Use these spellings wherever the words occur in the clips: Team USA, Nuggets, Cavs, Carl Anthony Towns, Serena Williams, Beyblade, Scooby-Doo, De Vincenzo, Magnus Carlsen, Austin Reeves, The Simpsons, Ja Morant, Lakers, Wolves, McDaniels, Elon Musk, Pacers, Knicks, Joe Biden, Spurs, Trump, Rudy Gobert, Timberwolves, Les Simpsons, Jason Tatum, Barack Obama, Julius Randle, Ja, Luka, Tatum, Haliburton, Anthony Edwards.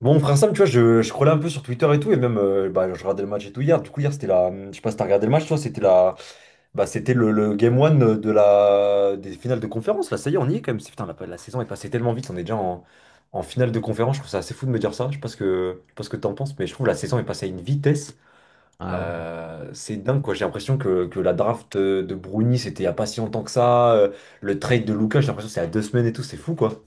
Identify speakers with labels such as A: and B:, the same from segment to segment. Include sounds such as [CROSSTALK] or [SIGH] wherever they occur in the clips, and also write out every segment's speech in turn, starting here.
A: Bon, frère Sam, tu vois, je scrollais un peu sur Twitter et tout, et même, je regardais le match et tout hier. Du coup, hier, c'était la... Je sais pas si t'as regardé le match, toi, c'était la... Bah, c'était le game one de la... des finales de conférence. Là, ça y est, on y est quand même. C'est- Putain, la saison est passée tellement vite, on est déjà en finale de conférence. Je trouve ça assez fou de me dire ça. Je sais pas ce que, je sais pas ce que t'en penses, mais je trouve la saison est passée à une vitesse.
B: Ah ouais.
A: C'est dingue, quoi. J'ai l'impression que la draft de Bruni, c'était il y a pas si longtemps que ça. Le trade de Lucas, j'ai l'impression que c'est à deux semaines et tout, c'est fou, quoi.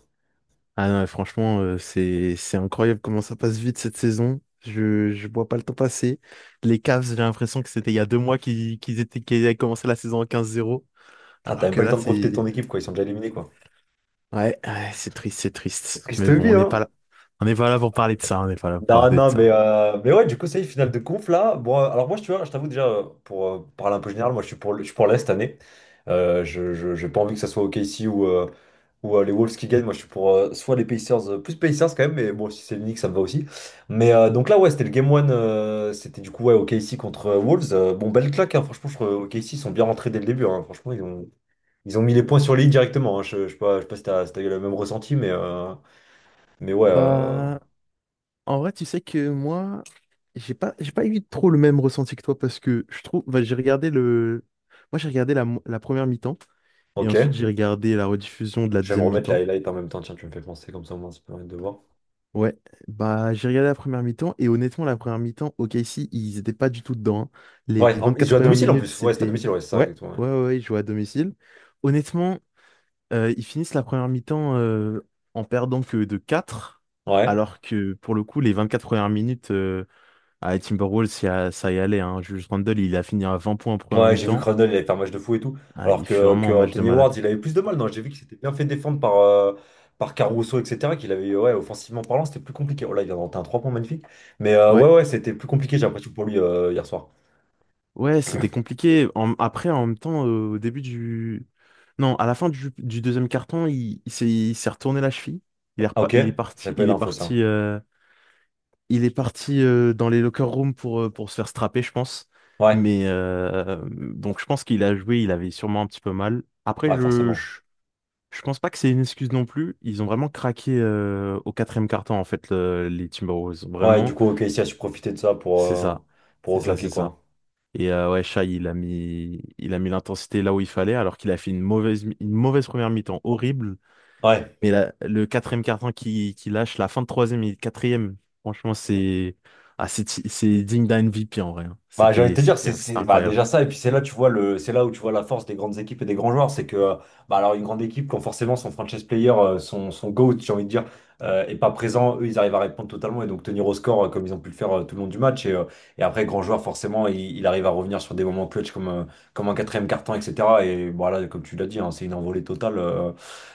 B: Ah non, franchement, c'est incroyable comment ça passe vite cette saison. Je vois pas le temps passer. Les Cavs, j'ai l'impression que c'était il y a 2 mois qu'ils avaient commencé la saison en 15-0,
A: Putain, t'as
B: alors
A: même
B: que
A: pas le
B: là
A: temps de profiter
B: c'est,
A: de ton équipe, quoi. Ils sont déjà éliminés, quoi.
B: ouais, ouais, c'est triste, c'est triste.
A: Triste
B: Mais bon,
A: vie,
B: on n'est pas
A: hein.
B: là. On n'est pas là pour parler de ça, on n'est pas là pour
A: Non,
B: parler de
A: non,
B: ça.
A: mais ouais, du coup, ça y est, finale de conf là. Bon, alors moi, tu vois, je t'avoue déjà, pour parler un peu général, moi, je suis pour, le- je suis pour l'Est cette année. J'ai pas envie que ça soit OKC ou, les Wolves qui gagnent. Moi, je suis pour soit les Pacers, plus Pacers quand même, mais bon, si c'est le Knicks, ça me va aussi. Mais donc là, ouais, c'était le Game one c'était du coup, ouais, OKC contre Wolves. Bon, belle claque, hein, franchement, je trouve OKC ils sont bien rentrés dès le début, hein. Franchement, ils ont mis les points sur les i directement, hein. Je, je sais pas si t'as, si t'as eu le même ressenti, mais, mais ouais, euh,
B: Bah, en vrai, tu sais que moi, j'ai pas eu trop le même ressenti que toi parce que je trouve, bah, j'ai regardé le moi j'ai regardé la première mi-temps et
A: ok.
B: ensuite j'ai regardé la rediffusion de la
A: Je vais me
B: deuxième
A: remettre la
B: mi-temps.
A: highlight en même temps, tiens, tu me fais penser comme ça au moins, ça peut permettre de voir.
B: Ouais, bah j'ai regardé la première mi-temps et honnêtement la première mi-temps, OKC, ils étaient pas du tout dedans. Hein. Les
A: Ouais, en- il
B: 24
A: joue à
B: premières
A: domicile en
B: minutes,
A: plus. Ouais, c'est à
B: c'était,
A: domicile, ouais, c'est ça,
B: ouais,
A: exactement. Ouais,
B: ouais, ouais, ouais, ils jouaient à domicile. Honnêtement, ils finissent la première mi-temps en perdant que de 4,
A: ouais.
B: alors que pour le coup, les 24 premières minutes à Timberwolves, ça y allait. Hein. Julius Randle, il a fini à 20 points en première
A: Ouais, j'ai vu que
B: mi-temps.
A: Randle, il avait fait un match de fou et tout.
B: Ah,
A: Alors
B: il fait
A: que,
B: vraiment
A: que
B: un match de
A: Anthony Edwards,
B: malade.
A: il avait plus de mal. Non, j'ai vu qu'il s'était bien fait défendre par, par Caruso, etc. Qu'il avait, ouais, offensivement parlant, c'était plus compliqué. Oh là, il vient de rentrer un 3 points magnifique. Mais
B: Ouais.
A: ouais, ouais, c'était plus compliqué, j'ai l'impression, pour lui hier soir.
B: Ouais, c'était compliqué. Après, en même temps, non, à la fin du deuxième carton, il s'est retourné la cheville. Il est,
A: Ah,
B: repa-
A: ok,
B: il est parti,
A: j'avais pas eu l'info, ça.
B: dans les locker rooms pour pour se faire strapper, je pense.
A: Ouais,
B: Mais donc, je pense qu'il a joué, il avait sûrement un petit peu mal. Après,
A: ouais, forcément.
B: je pense pas que c'est une excuse non plus. Ils ont vraiment craqué au quatrième carton, en fait, les Timberwolves.
A: Ouais, du
B: Vraiment,
A: coup, ok, ici, a su profiter de ça
B: c'est ça.
A: pour
B: C'est ça,
A: reclaquer,
B: c'est ça.
A: quoi.
B: Et, ouais, Shai, il a mis l'intensité là où il fallait, alors qu'il a fait une mauvaise première mi-temps horrible.
A: Ouais.
B: Mais le quatrième carton qui lâche, la fin de troisième et quatrième, franchement, c'est ah, c'est digne d'un MVP en vrai. Hein.
A: Bah, j'ai envie de
B: C'était,
A: te dire,
B: c'était, c'était
A: c'est- bah,
B: incroyable.
A: déjà ça, et puis c'est là, tu vois le, c'est là où tu vois la force des grandes équipes et des grands joueurs, c'est que, bah, alors une grande équipe, quand forcément son franchise player, son GOAT, j'ai envie de dire, est pas présent, eux, ils arrivent à répondre totalement et donc tenir au score comme ils ont pu le faire tout le long du match. Et après, grand joueur, forcément, il arrive à revenir sur des moments clutch comme, comme un quatrième carton, etc. Et voilà, comme tu l'as dit, hein, c'est une envolée totale.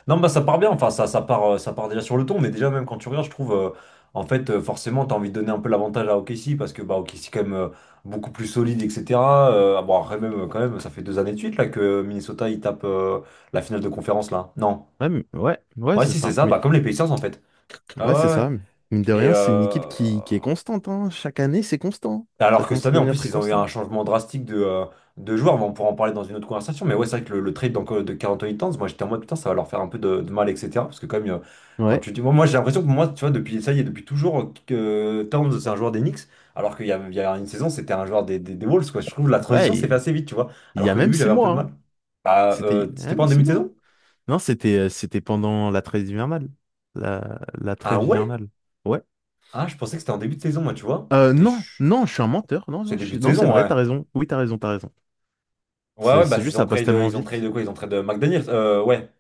A: Non, bah ça part bien, ça part déjà sur le ton, mais déjà même quand tu regardes, je trouve, forcément, tu as envie de donner un peu l'avantage à OKC parce que bah, OKC quand même. Beaucoup plus solide, etc. Bon, après, même, quand même, ça fait deux années de suite là, que Minnesota il tape la finale de conférence là. Non.
B: Ouais, ouais, ouais,
A: Ouais,
B: c'est
A: si, c'est
B: ça.
A: ça,
B: Mais
A: bah, comme les Pacers en fait. Ah
B: ouais, c'est
A: ouais, ouais.
B: ça. Mine de
A: Et,
B: rien, c'est une équipe qui est constante. Hein. Chaque année, c'est constant. Ça
A: alors que cette
B: commence à
A: année, en
B: devenir
A: plus,
B: très
A: ils ont eu un
B: constant.
A: changement drastique de joueurs, mais on pourra en parler dans une autre conversation. Mais ouais, c'est vrai que le trade d'Anco- de Carl Anthony Towns, moi j'étais en mode putain, ça va leur faire un peu de mal, etc. Parce que, quand même, quand
B: Ouais,
A: tu dis. Moi, j'ai l'impression que moi, tu vois, depuis ça y est, depuis toujours, que Towns, c'est un joueur des Knicks, alors il y a une saison, c'était un joueur des, des Wolves, quoi. Je trouve que la
B: ouais.
A: transition s'est fait
B: Il
A: assez vite, tu vois.
B: il y
A: Alors
B: a
A: qu'au
B: même
A: début,
B: six
A: j'avais un peu
B: mois.
A: de
B: Hein.
A: mal. Bah,
B: C'était il y a
A: c'était pas
B: même
A: en
B: six
A: début de
B: mois.
A: saison?
B: Non, c'était pendant la trêve hivernale. La
A: Ah
B: trêve
A: ouais?
B: hivernale. Ouais.
A: Ah, je pensais que c'était en début de saison, moi, tu vois. T'es
B: Non,
A: ch-
B: non, je suis un menteur. Non, non,
A: C'est début de
B: non, c'est
A: saison,
B: vrai,
A: ouais.
B: t'as raison. Oui, t'as raison, t'as raison.
A: Ouais,
B: C'est
A: ouais, bah,
B: c'est juste, ça passe tellement
A: ils ont trade
B: vite.
A: de quoi? Ils ont trade de McDaniels. Ouais.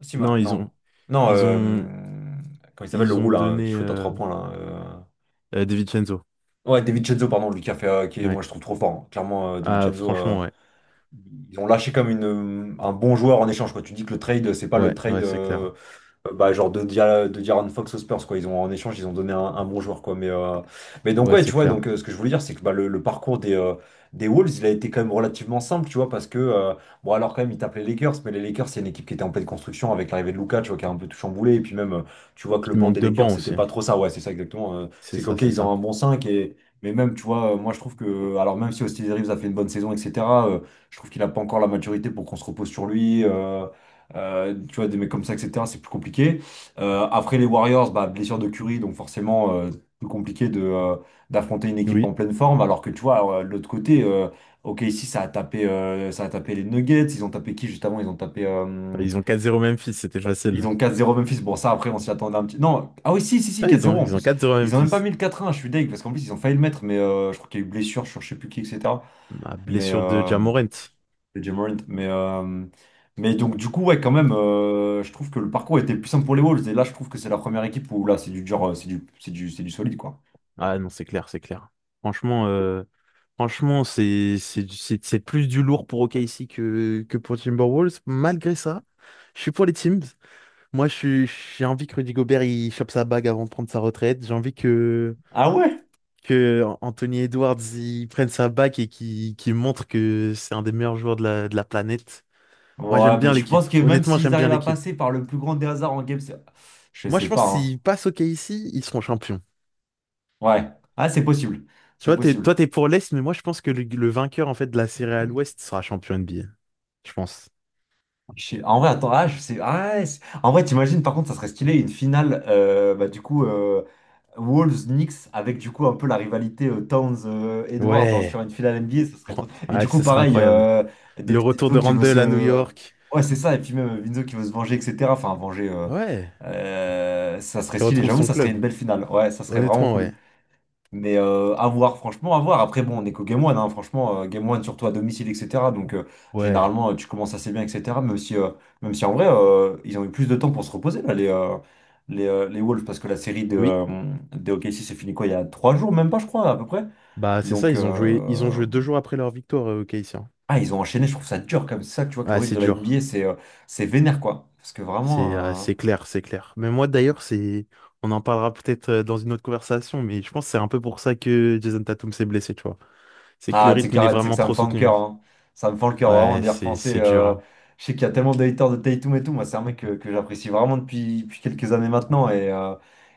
A: Si
B: Non,
A: maintenant. Non, Non,
B: ils ont,
A: comment il s'appelle le
B: ils ont
A: roux là, qui
B: donné,
A: shoot à 3 points là.
B: De Vincenzo.
A: Ouais, David Chenzo, pardon, lui qui a fait, qui est-
B: Ouais.
A: moi je trouve trop fort, hein. Clairement, David
B: Ah,
A: Chenzo,
B: franchement, ouais.
A: ils ont lâché comme une, un bon joueur en échange, quoi. Tu dis que le trade, c'est pas le
B: Ouais,
A: trade.
B: ouais, c'est clair.
A: Bah, genre de, Dia- de Diaron Fox aux Spurs, quoi. Ils ont, en échange, ils ont donné un bon joueur, quoi. Mais donc,
B: Ouais,
A: ouais,
B: c'est
A: tu vois,
B: clair.
A: donc, ce que je voulais dire, c'est que bah, le parcours des Wolves, il a été quand même relativement simple, tu vois, parce que, bon, alors quand même, ils tapent les Lakers, mais les Lakers, c'est une équipe qui était en pleine construction avec l'arrivée de Luka, tu vois, qui a un peu tout chamboulé. Et puis même, tu vois que le
B: Il
A: banc
B: manque
A: des
B: de
A: Lakers,
B: banc
A: c'était
B: aussi.
A: pas trop ça. Ouais, c'est ça exactement.
B: C'est
A: C'est
B: ça,
A: qu'ok,
B: c'est
A: ils ont
B: ça.
A: un bon 5 et. Mais même, tu vois, moi je trouve que, alors même si Austin Reeves a fait une bonne saison, etc., euh, je trouve qu'il n'a pas encore la maturité pour qu'on se repose sur lui. Tu vois, des mecs comme ça, etc., c'est plus compliqué. Après les Warriors, bah, blessure de Curry, donc forcément plus compliqué de, d'affronter une équipe en
B: Oui,
A: pleine forme. Alors que tu vois, de l'autre côté, ok, ici ça a tapé les Nuggets, ils ont tapé qui juste avant? Ils ont tapé,
B: ils ont 4-0 Memphis, c'était
A: ils
B: facile.
A: ont 4-0 Memphis. Bon, ça après, on s'y attendait un petit... Non, ah oui, si, si, si,
B: Ah,
A: quatre
B: ils ont,
A: zéro en
B: ils ont
A: plus.
B: 4-0
A: Ils ont même pas
B: Memphis.
A: mis le 4-1, je suis deg, parce qu'en plus ils ont failli le mettre, mais je crois qu'il y a eu blessure sur je sais plus qui, etc.
B: Ma
A: Mais,
B: blessure de Ja
A: de Ja Morant. Mais donc, du coup, ouais, quand même, je trouve que le parcours était plus simple pour les Wolves. Et là, je trouve que c'est la première équipe où là, c'est du dur, c'est du solide, quoi.
B: Ah non, c'est clair, c'est clair. Franchement, euh, franchement, c'est plus du lourd pour OKC que pour Timberwolves. Malgré ça, je suis pour les teams. Moi, j'ai envie que Rudy Gobert il chope sa bague avant de prendre sa retraite. J'ai envie que,
A: Ah ouais?
B: que Anthony Edwards il prenne sa bague et qu'il montre que c'est un des meilleurs joueurs de la planète. Moi, j'aime
A: Ouais, mais
B: bien
A: tu penses
B: l'équipe.
A: que même
B: Honnêtement,
A: s'ils
B: j'aime bien
A: arrivent à
B: l'équipe.
A: passer par le plus grand des hasards en game, c'est- je
B: Moi, je
A: sais
B: pense
A: pas,
B: que
A: hein.
B: s'ils passent OKC, ils seront champions.
A: Ouais. Ah, c'est possible.
B: Tu
A: C'est
B: vois, t'es, toi,
A: possible.
B: t'es pour l'Est, mais moi, je pense que le vainqueur, en fait, de la série à l'Ouest sera champion NBA. Je pense.
A: Je sais- En vrai, attends, ah, je sais. Ah, ouais, c'est- en vrai, t'imagines, par contre, ça serait stylé une finale, bah, du coup. Wolves, Knicks, avec du coup un peu la rivalité Towns-Edwards sur
B: Ouais.
A: une finale NBA, ce serait trop. Et
B: Ouais,
A: du coup,
B: ce serait
A: pareil,
B: incroyable. Le
A: David
B: retour
A: Vinzo
B: de
A: qui veut
B: Randle à New
A: se...
B: York.
A: Ouais, c'est ça, et puis même Vinzo qui veut se venger, etc. Enfin, venger,
B: Ouais,
A: ça serait
B: qui
A: stylé,
B: retrouve
A: j'avoue,
B: son
A: ça serait
B: club.
A: une belle finale. Ouais, ça serait vraiment
B: Honnêtement, ouais.
A: cool. Mais à voir, franchement, à voir. Après, bon, on est qu'au Game One, hein, franchement, Game One, surtout à domicile, etc. Donc,
B: Ouais.
A: généralement, tu commences assez bien, etc. Même si en vrai, ils ont eu plus de temps pour se reposer, là, les Wolves, parce que la série
B: Oui.
A: de OKC s'est finie quoi, il y a 3 jours, même pas, je crois, à peu près.
B: Bah, c'est ça,
A: Donc,
B: ils ont joué, ils ont joué 2 jours après leur victoire, au KC, hein.
A: ah, ils ont enchaîné, je trouve ça dur comme ça, tu vois, que le
B: Ah,
A: rythme
B: c'est
A: de la NBA,
B: dur.
A: c'est vénère, quoi. Parce que
B: C'est ah,
A: vraiment...
B: c'est clair, c'est clair. Mais moi, d'ailleurs, c'est... On en parlera peut-être, dans une autre conversation, mais je pense que c'est un peu pour ça que Jason Tatum s'est blessé, tu vois. C'est que le
A: ah, tu sais
B: rythme, il est
A: qu'arrête, c'est que
B: vraiment
A: ça me
B: trop
A: fend le
B: soutenu.
A: cœur, hein. Ça me fend le cœur vraiment
B: Ouais,
A: d'y
B: c'est
A: repenser.
B: c'est dur, hein.
A: Je sais qu'il y a tellement de haters de Tatum et tout. Moi, c'est un mec que j'apprécie vraiment depuis, depuis quelques années maintenant.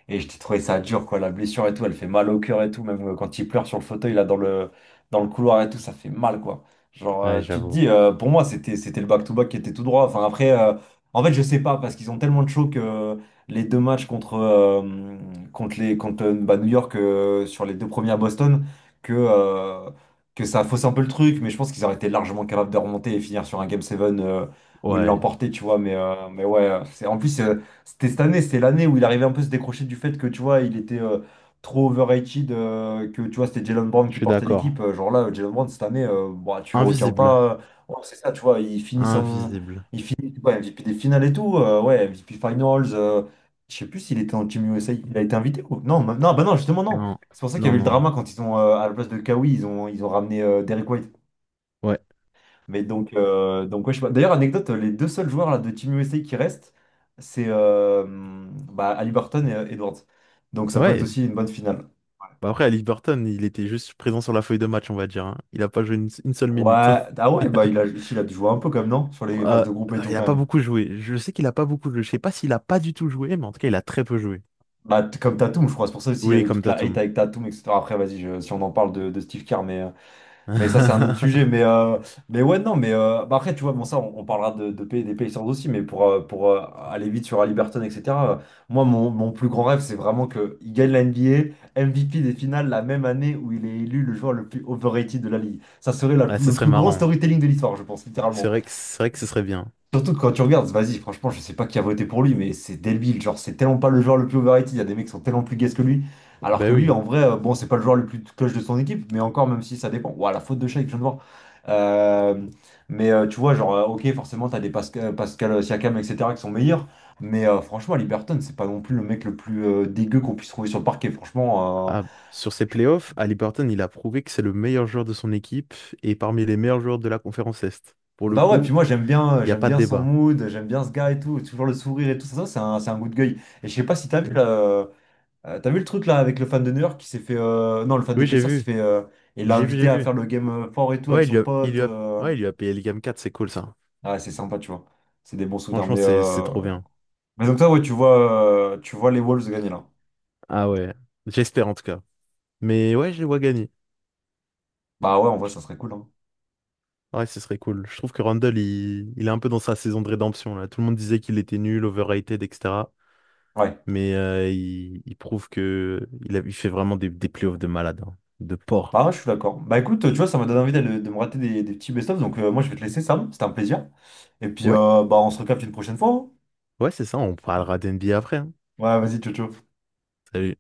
A: Et je t'ai trouvé ça dur, quoi. La blessure et tout, elle fait mal au cœur et tout. Même quand il pleure sur le fauteuil, là, dans le couloir et tout, ça fait mal, quoi. Genre,
B: Ouais,
A: tu te
B: j'avoue.
A: dis, pour moi, c'était le back-to-back qui était tout droit. Enfin, après, en fait, je sais pas, parce qu'ils ont tellement de chaud que les deux matchs contre, contre bah, New York sur les deux premiers à Boston que. euh, que ça fausse un peu le truc, mais je pense qu'ils auraient été largement capables de remonter et finir sur un Game 7 où ils
B: Ouais,
A: l'emportaient, tu vois. Mais ouais, c'est, en plus, c'était cette année, c'était l'année où il arrivait un peu à se décrocher du fait que, tu vois, il était trop overrated, que, tu vois, c'était Jalen Brown
B: je
A: qui
B: suis
A: portait
B: d'accord.
A: l'équipe. Genre là, Jalen Brown, cette année, bah, tu le retiens
B: Invisible.
A: pas. Ouais, c'est ça, tu vois, il finit son...
B: Invisible.
A: Il finit ouais, MVP des finales et tout, ouais, MVP Finals. Je sais plus s'il était en Team USA, il a été invité ou... Non, non, bah non, justement, non.
B: Non,
A: C'est pour ça qu'il y
B: non,
A: avait eu le
B: non.
A: drama quand ils ont, à la place de Kawhi, ils ont ramené Derrick White.
B: Ouais,
A: Mais donc ouais, je sais pas. D'ailleurs, anecdote, les deux seuls joueurs là, de Team USA qui restent, c'est bah, Haliburton et Edwards. Donc ça peut être
B: ouais.
A: aussi une bonne finale.
B: Bah après, Ali Burton, il était juste présent sur la feuille de match, on va dire. Hein. Il a pas joué une seule
A: Ouais,
B: minute. [LAUGHS]
A: ah ouais, bah il a, si, il a dû jouer un peu comme non? Sur les phases
B: Euh,
A: de groupe et tout
B: il a
A: quand
B: pas
A: même.
B: beaucoup joué. Je sais qu'il a pas beaucoup joué. Je sais pas s'il a pas du tout joué, mais en tout cas, il a très peu joué.
A: Bah, comme Tatum, je crois. C'est pour ça aussi il y
B: Oui,
A: avait
B: comme
A: toute la hate
B: Tatum.
A: avec
B: [LAUGHS]
A: Tatum, etc. Après, vas-y, si on en parle de Steve Kerr, mais.
B: Ouais,
A: Mais ça, c'est un autre sujet. Mais ouais, non, mais bah après, tu vois, bon, ça, on parlera de pays, des pays sans aussi, mais pour aller vite sur Halliburton, etc. euh, Moi, mon plus grand rêve, c'est vraiment qu'il gagne la N B A M V P des finales la même année où il est élu le joueur le plus overrated de la ligue. Ça serait
B: ce
A: le
B: serait
A: plus grand
B: marrant.
A: storytelling de l'histoire, je pense,
B: C'est
A: littéralement.
B: vrai que, c'est vrai que ce serait bien.
A: Surtout que quand tu regardes, vas-y, franchement, je sais pas qui a voté pour lui, mais c'est Delbille, genre, c'est tellement pas le joueur le plus overrated, il y a des mecs qui sont tellement plus gays que lui, alors
B: Ben
A: que lui,
B: oui.
A: en vrai, bon, c'est pas le joueur le plus cloche de son équipe, mais encore, même si ça dépend, ouah, la faute de chat que je viens de voir. Euh, mais tu vois, genre, ok, forcément, t'as des Pascal Siakam, etc., qui sont meilleurs, mais franchement, Liberton, c'est pas non plus le mec le plus dégueu qu'on puisse trouver sur le parquet, franchement,
B: Ah, sur ses playoffs, Ali Burton, il a prouvé que c'est le meilleur joueur de son équipe et parmi les meilleurs joueurs de la conférence Est. Pour le
A: bah ouais, puis
B: coup,
A: moi
B: il n'y a
A: j'aime
B: pas de
A: bien son
B: débat.
A: mood, j'aime bien ce gars et tout, toujours le sourire et tout, ça, c'est un good guy. Et je sais pas si t'as vu là. T'as vu le truc là avec le fan de New York qui s'est fait. Non, le fan des
B: Oui, j'ai
A: Pacers qui
B: vu.
A: fait. Il l'a
B: J'ai vu, j'ai
A: invité à
B: vu.
A: faire le game fort et tout avec
B: Ouais,
A: son pote.
B: ouais, il lui a payé le Game 4, c'est cool ça.
A: Ah, ouais, c'est sympa, tu vois. C'est des bons souvenirs.
B: Franchement, c'est trop bien.
A: Mais donc, toi, ouais, tu vois les Wolves gagner là.
B: Ah ouais. J'espère en tout cas. Mais ouais, je les vois gagner.
A: Bah ouais, en vrai, ça serait cool, hein.
B: Ouais, ce serait cool. Je trouve que Randall, il est un peu dans sa saison de rédemption là. Tout le monde disait qu'il était nul, overrated, etc.
A: Ouais.
B: Mais, il prouve que il fait vraiment des playoffs de malade, hein. De porc.
A: Bah, ouais, je suis d'accord. Bah écoute, tu vois, ça m'a donné envie me rater des petits best-of. Donc, moi, je vais te laisser, Sam. C'était un plaisir. Et puis,
B: Ouais,
A: bah, on se recapte une prochaine fois, hein.
B: ouais, c'est ça. On parlera d'NBA après. Hein.
A: Ouais, vas-y, ciao, ciao.
B: Salut.